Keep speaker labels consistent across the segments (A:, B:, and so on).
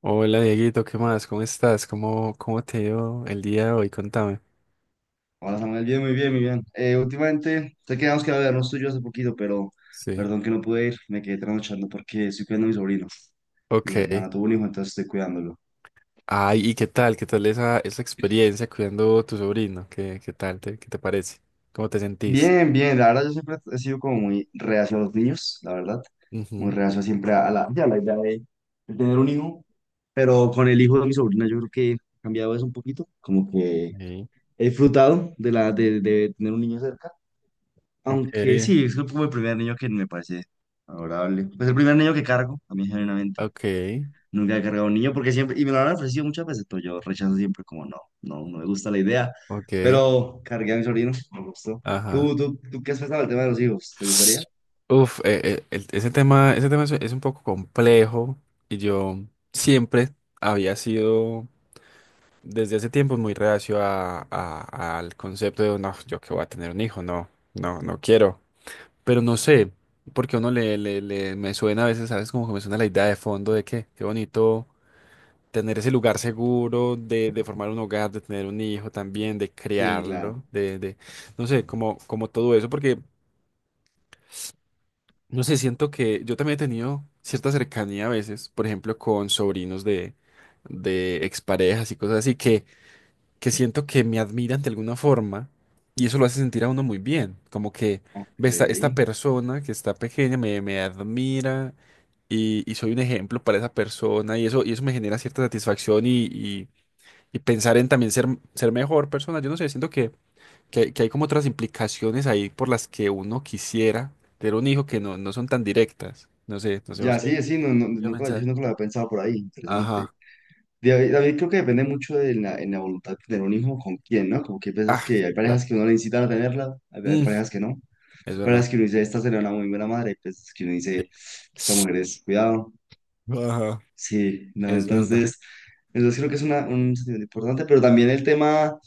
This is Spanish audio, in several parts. A: Hola Dieguito, ¿qué más? ¿Cómo estás? ¿Cómo te dio el día de hoy? Contame.
B: Hola Samuel, bien, muy bien, muy bien. Últimamente, sé que habíamos quedado de vernos tú y yo hace poquito, pero
A: Sí.
B: perdón que no pude ir, me quedé trasnochando porque estoy cuidando a mi sobrino.
A: Ok.
B: Mi hermana tuvo un hijo, entonces estoy cuidándolo.
A: Ay, ¿y qué tal? ¿Qué tal esa experiencia cuidando tu sobrino? ¿Qué tal? ¿Qué te parece? ¿Cómo te sentís?
B: Bien, bien, la verdad yo siempre he sido como muy reacio a los niños, la verdad. Muy
A: Ujú.
B: reacio siempre a la idea de tener un hijo, pero con el hijo de mi sobrina yo creo que he cambiado eso un poquito, como que
A: Sí.
B: he disfrutado de tener un niño cerca.
A: Ok.
B: Aunque sí, es como el primer niño que me parece adorable. Pues el primer niño que cargo, a mí genuinamente.
A: Ok.
B: Nunca he cargado un niño porque siempre, y me lo han ofrecido muchas veces, pero yo rechazo siempre como no, no, no me gusta la idea.
A: Ok.
B: Pero cargué a mi sobrino, me gustó.
A: Ajá.
B: ¿Tú qué has pensado del tema de los hijos? ¿Te gustaría?
A: Uf, ese tema es un poco complejo, y yo siempre había sido desde hace tiempo muy reacio a, al concepto de, no, yo que voy a tener un hijo, no, no, no quiero. Pero no sé, porque a uno me suena a veces, ¿sabes? Como que me suena la idea de fondo de que qué bonito tener ese lugar seguro de, formar un hogar, de tener un hijo también, de
B: Sí, claro.
A: criarlo, no sé, como todo eso, porque no sé, siento que yo también he tenido cierta cercanía a veces, por ejemplo, con sobrinos de exparejas y cosas así, que siento que me admiran de alguna forma, y eso lo hace sentir a uno muy bien, como que ve
B: Ok.
A: esta persona que está pequeña, me admira, y soy un ejemplo para esa persona, y eso me genera cierta satisfacción, y pensar en también ser mejor persona. Yo no sé, siento que hay como otras implicaciones ahí por las que uno quisiera tener un hijo que no son tan directas. No sé, no sé
B: Ya,
A: vos qué
B: sí, sí, no, no,
A: qué
B: nunca,
A: pensás.
B: yo nunca lo había pensado por ahí. Interesante.
A: Ajá.
B: David, creo que depende mucho de la voluntad de tener un hijo con quién, ¿no? Como que hay veces
A: Ah,
B: que hay
A: claro.
B: parejas que uno le incitan a tenerla, hay
A: Mm,
B: parejas que no.
A: es
B: Hay
A: verdad.
B: parejas que uno dice, esta sería una muy buena madre, hay veces que uno dice, esta
A: Sí.
B: mujer es, cuidado.
A: Ajá.
B: Sí, no,
A: Es verdad.
B: entonces creo que es un sentimiento importante, pero también el tema,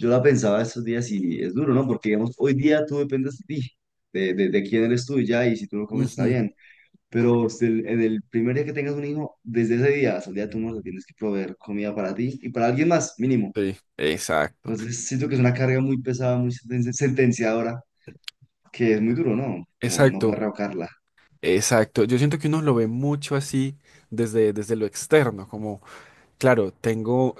B: yo la pensaba estos días y es duro, ¿no? Porque digamos, hoy día tú dependes de ti, de quién eres tú y ya, y si tú no comes está
A: Ujú.
B: bien. Pero si el- en el primer día que tengas un hijo, desde ese día hasta el día de tu muerte, tienes que proveer comida para ti y para alguien más, mínimo.
A: Sí, exacto,
B: Entonces siento que es una carga muy pesada, muy sentenciadora, que es muy duro, ¿no? Como no poder
A: exacto,
B: revocarla.
A: exacto. Yo siento que uno lo ve mucho así desde lo externo, como, claro, tengo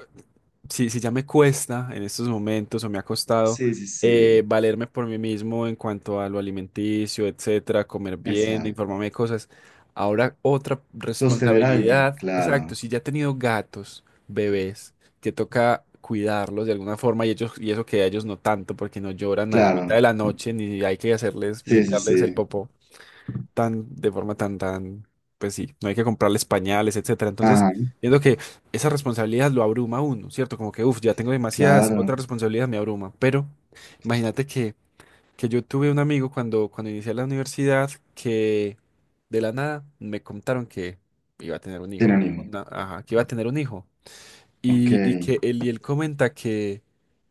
A: si ya me cuesta en estos momentos, o me ha costado
B: Sí, sí, sí.
A: valerme por mí mismo en cuanto a lo alimenticio, etcétera, comer bien,
B: Exacto.
A: informarme de cosas, ahora otra
B: Sostener a alguien,
A: responsabilidad, exacto,
B: claro.
A: si ya he tenido gatos, bebés, que toca cuidarlos de alguna forma, y ellos, y eso que a ellos no tanto, porque no lloran a la
B: Claro.
A: mitad de la noche ni hay que hacerles
B: Sí, sí,
A: limpiarles el
B: sí.
A: popó tan, de forma pues sí, no hay que comprarles pañales, etcétera. Entonces,
B: Ajá,
A: viendo que esa responsabilidad lo abruma a uno, ¿cierto? Como que, uff, ya tengo demasiadas,
B: claro.
A: otra responsabilidad me abruma. Pero imagínate que yo tuve un amigo cuando inicié la universidad, que de la nada me contaron que iba a tener un
B: Tiene
A: hijo.
B: un hijo.
A: Ajá, que iba a tener un hijo.
B: Ok.
A: Y
B: En
A: y él comenta que,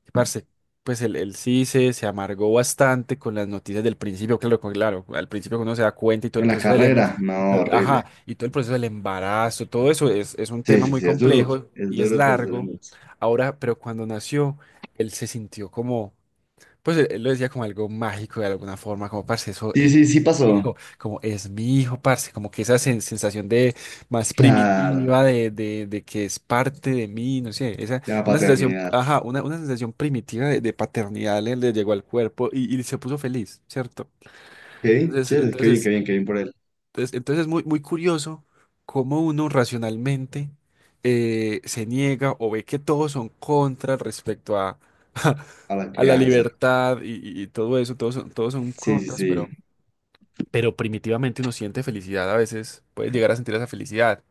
A: que, parce, pues él sí se amargó bastante con las noticias del principio, claro, claro, al principio, cuando uno se da cuenta, y todo el
B: la
A: proceso del, em-
B: carrera, no,
A: y to- ajá,
B: horrible.
A: y todo el proceso del embarazo, todo eso es un
B: Sí,
A: tema
B: sí,
A: muy
B: sí, es duro.
A: complejo
B: Es
A: y es
B: duro el proceso del
A: largo.
B: embarazo.
A: Ahora, pero cuando nació, él se sintió como pues él lo decía, como algo mágico de alguna forma, como parce, eso
B: Sí,
A: es,
B: sí,
A: es
B: sí
A: mi
B: pasó.
A: hijo, como es mi hijo, parce, como que esa sensación de más
B: Claro.
A: primitiva, de que es parte de mí, no sé, esa,
B: De la
A: una sensación,
B: paternidad.
A: ajá, una sensación primitiva de paternidad le llegó al cuerpo, y se puso feliz, ¿cierto?
B: Qué
A: Entonces,
B: chévere, qué bien, qué
A: entonces
B: bien, qué bien por él,
A: entonces es muy, muy curioso cómo uno racionalmente se niega, o ve que todos son contra respecto a,
B: a la
A: a la
B: crianza.
A: libertad, y todo eso, todos son
B: Sí, sí,
A: contras,
B: sí.
A: pero primitivamente uno siente felicidad a veces, puede llegar a sentir esa felicidad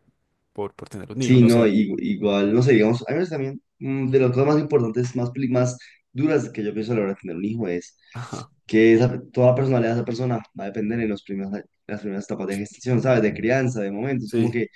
A: por tener un hijo,
B: Sí,
A: no
B: no,
A: sé.
B: igual, no sé, digamos, a veces también de las cosas más importantes, más, más duras que yo pienso a la hora de tener un hijo es
A: Ajá,
B: que esa, toda la personalidad de esa persona va a depender en los primeros, las primeras etapas de gestación, ¿sabes? De crianza, de momentos, como
A: sí.
B: que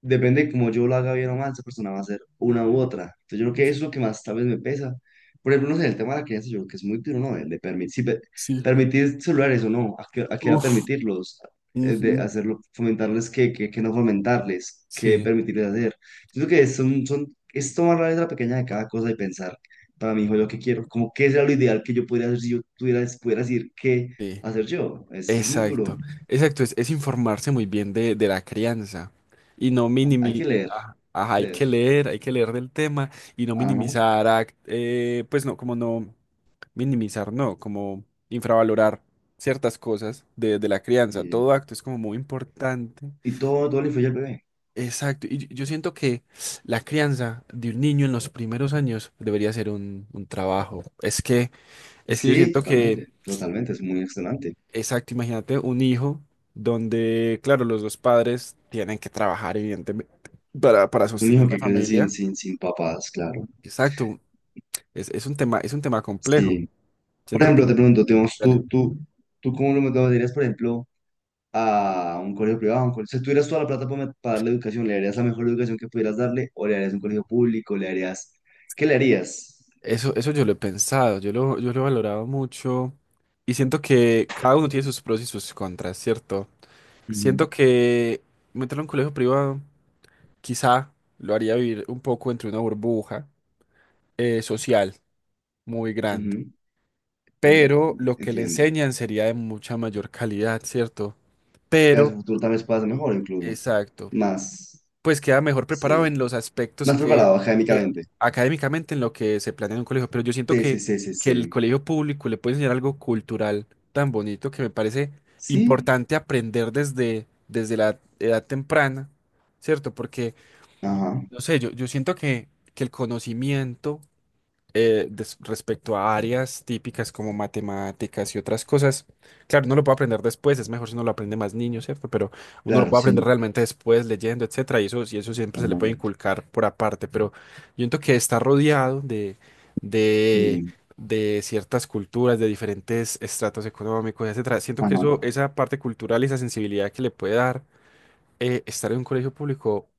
B: depende de cómo yo lo haga bien o mal, esa persona va a ser una u otra. Entonces, yo creo que eso es lo que más tal vez me pesa. Por ejemplo, no sé, el tema de la crianza, yo creo que es muy duro, ¿no? El de permitir, si pe-
A: Sí.
B: permitir celulares o no, a qué edad
A: Uf.
B: permitirlos? De
A: Ujú.
B: hacerlo, fomentarles que no fomentarles, que
A: Sí.
B: permitirles hacer. Yo creo que es tomar la letra pequeña de cada cosa y pensar, para mi hijo, yo qué quiero, como qué será lo ideal que yo pudiera hacer si pudiera decir qué
A: Sí.
B: hacer yo. Es muy duro.
A: Exacto, exacto, es informarse muy bien de la crianza, y no
B: Hay que
A: minimizar,
B: leer,
A: ajá,
B: hay
A: ajá,
B: que leer.
A: hay que leer del tema, y no
B: Ajá.
A: minimizar, pues no, como no minimizar, no, como infravalorar ciertas cosas de la crianza,
B: Sí.
A: todo acto es como muy importante.
B: Y todo, todo le influye al bebé.
A: Exacto, y yo siento que la crianza de un niño en los primeros años debería ser un trabajo. Es que yo
B: Sí,
A: siento que,
B: totalmente, totalmente, es muy excelente.
A: exacto, imagínate un hijo donde, claro, los dos padres tienen que trabajar, evidentemente, para
B: Es un
A: sostener
B: hijo
A: la
B: que crece
A: familia.
B: sin papás, claro.
A: Exacto, es un tema complejo.
B: Sí. Por
A: Siento
B: ejemplo,
A: que.
B: te pregunto, digamos,
A: Dale.
B: tú cómo lo meterías, por ejemplo, a un colegio privado? Si tuvieras toda la plata para, para darle educación, ¿le darías la mejor educación que pudieras darle? ¿O le harías un colegio público? ¿Le harías... ¿Qué le harías?
A: Eso yo lo he pensado, yo lo he valorado mucho, y siento que cada uno tiene sus pros y sus contras, ¿cierto?
B: Ujú,
A: Siento que meterlo en un colegio privado quizá lo haría vivir un poco entre una burbuja social muy grande,
B: ujú, te-
A: pero lo que le
B: Entiendo.
A: enseñan sería de mucha mayor calidad, ¿cierto?
B: Que a
A: Pero,
B: su futuro tal vez pase mejor incluso.
A: exacto,
B: Más,
A: pues queda mejor preparado
B: sí.
A: en los aspectos
B: Más
A: que,
B: preparado
A: que
B: académicamente.
A: académicamente en lo que se planea en un colegio, pero yo siento
B: Sí,
A: que,
B: sí, sí, sí,
A: que el
B: sí.
A: colegio público le puede enseñar algo cultural tan bonito que me parece
B: Sí.
A: importante aprender desde la edad temprana, ¿cierto? Porque
B: Ajá,
A: no sé, yo siento que el conocimiento respecto a áreas típicas, como matemáticas y otras cosas. Claro, no lo puede aprender después, es mejor si uno lo aprende más niño, ¿cierto? Pero uno lo
B: claro,
A: puede aprender
B: sí.
A: realmente después, leyendo, etcétera, y eso siempre se le
B: Ajá,
A: puede inculcar por aparte, pero yo siento que está rodeado de,
B: sí,
A: de ciertas culturas, de diferentes estratos económicos, etcétera. Siento que
B: ajá.
A: eso, esa parte cultural y esa sensibilidad que le puede dar estar en un colegio público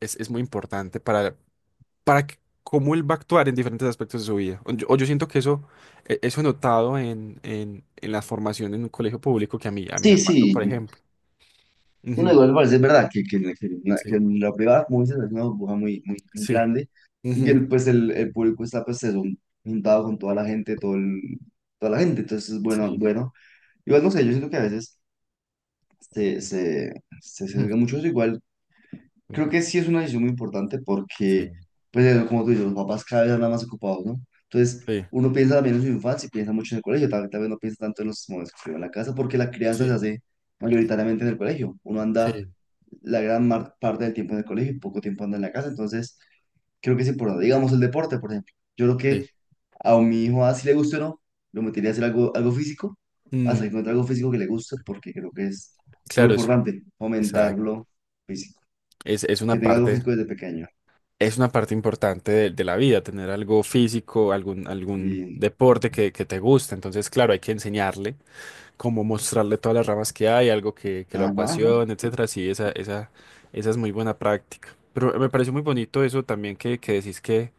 A: es muy importante para que- cómo él va a actuar en diferentes aspectos de su vida. o yo, siento que eso, eso he notado en la formación en un colegio público que a mí me
B: Sí,
A: faltó, por
B: sí.
A: ejemplo.
B: Sí, no,
A: Ujú,
B: igual me parece es verdad que
A: sí,
B: en la privada, como dices, es una burbuja muy, muy, muy
A: sí.
B: grande y que
A: Ujú,
B: el público está pues eso, juntado con toda la gente, toda la gente. Entonces, bueno,
A: sí,
B: bueno. Igual no sé, yo siento que a veces se, se, se
A: ujú,
B: sesga mucho eso. Igual creo que sí es una decisión muy importante porque,
A: sí,
B: pues, eso, como tú dices, los papás cada vez andan más ocupados, ¿no? Entonces,
A: sí.
B: uno piensa también en su infancia y piensa mucho en el colegio, tal vez no piensa tanto en los momentos que vive en la casa porque la crianza
A: Sí,
B: se hace mayoritariamente en el colegio. Uno anda
A: sí,
B: la parte del tiempo en el colegio y poco tiempo anda en la casa, entonces creo que es importante. Digamos el deporte, por ejemplo. Yo creo
A: sí.
B: que a mi hijo, así le guste o no, lo metería a hacer algo, algo físico, hasta que
A: Mm,
B: encuentre algo físico que le guste porque creo que es lo
A: claro,
B: importante,
A: esa-
B: fomentarlo físicamente
A: es, es
B: que
A: una
B: tenga algo
A: parte,
B: físico desde pequeño.
A: es una parte importante de la vida, tener algo físico, algún
B: Y,
A: deporte que te guste. Entonces, claro, hay que enseñarle, como mostrarle todas las ramas que hay, algo que lo
B: ajá, ajá.
A: apasiona, etcétera. Sí, esa es muy buena práctica. Pero me pareció muy bonito eso también que decís que,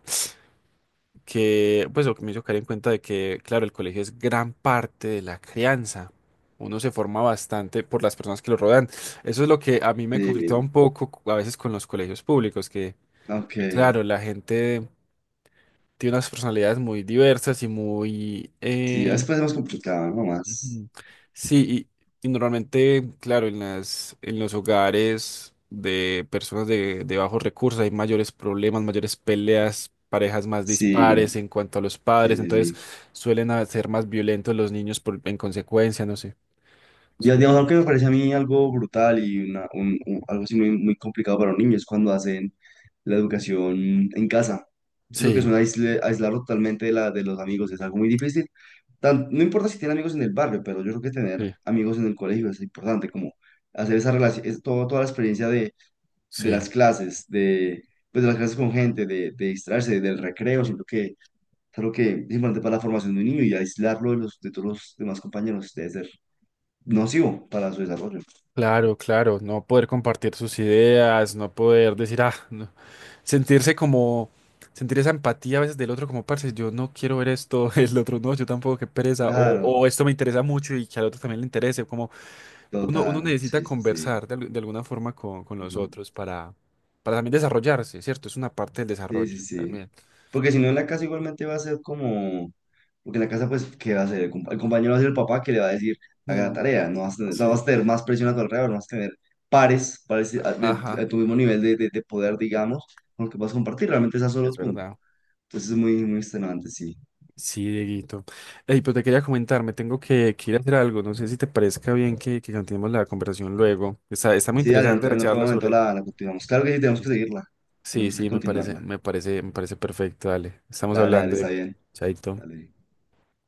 A: que, pues, o que me hizo caer en cuenta de que, claro, el colegio es gran parte de la crianza. Uno se forma bastante por las personas que lo rodean. Eso es lo que a mí me conflictaba
B: Sí,
A: un poco a veces con los colegios públicos,
B: ok.
A: claro, la gente tiene unas personalidades muy diversas y muy,
B: Sí, ya después es más complicado, ¿no? Más.
A: ujú. Sí, y normalmente, claro, en las, en los hogares de personas de, bajos recursos hay mayores problemas, mayores peleas, parejas más dispares
B: Sí,
A: en cuanto a los
B: sí,
A: padres, entonces
B: sí, sí.
A: suelen ser más violentos los niños en consecuencia, no sé. Eso me
B: Digamos,
A: parece.
B: algo que me parece a mí algo brutal y algo así muy, muy complicado para los niños es cuando hacen la educación en casa. Siento que es
A: Sí,
B: un aislarlo totalmente de de los amigos, es algo muy difícil. No importa si tiene amigos en el barrio, pero yo creo que tener
A: sí,
B: amigos en el colegio es importante, como hacer esa relación, toda la experiencia de
A: sí.
B: las clases, de, pues, de las clases con gente, de distraerse, del recreo, siento que es algo que es importante para la formación de un niño y aislarlo de de todos los demás compañeros debe ser nocivo para su desarrollo.
A: Claro, claro, no poder compartir sus ideas, no poder decir, ah, no. Sentirse como, sentir esa empatía a veces del otro como, parce, yo no quiero ver esto, el otro no, yo tampoco, qué pereza, o,
B: Claro,
A: o esto me interesa mucho, y que al otro también le interese, como uno
B: total,
A: necesita
B: sí, sí,
A: conversar de alguna forma con los
B: sí.
A: otros para, también desarrollarse, ¿cierto? Es una parte del
B: Sí, sí,
A: desarrollo
B: sí.
A: también.
B: Porque si no, en la casa igualmente va a ser como. Porque en la casa, pues, ¿qué va a hacer? El compañero va a ser el papá que le va a decir, haga la
A: Mm,
B: tarea, no vas a tener, no vas a
A: sí.
B: tener más presión a tu alrededor, no vas a tener pares, a
A: Ajá,
B: tu mismo nivel de poder, digamos, con los que vas a compartir, realmente estás solo
A: es
B: tú.
A: verdad.
B: Entonces es muy, muy extenuante, sí.
A: Sí, Dieguito. Ey, pero te quería comentar, me tengo que ir a hacer algo. No sé si te parezca bien que continuemos la conversación luego. Está muy
B: Sí, dale,
A: interesante la
B: en otro
A: charla
B: momento
A: sobre.
B: la continuamos. Claro que sí, tenemos que seguirla,
A: Sí,
B: tenemos que
A: sí, me parece,
B: continuarla.
A: me parece, me parece perfecto, dale. Estamos
B: Dale, dale,
A: hablando
B: está
A: de.
B: bien.
A: Chaito.
B: Dale.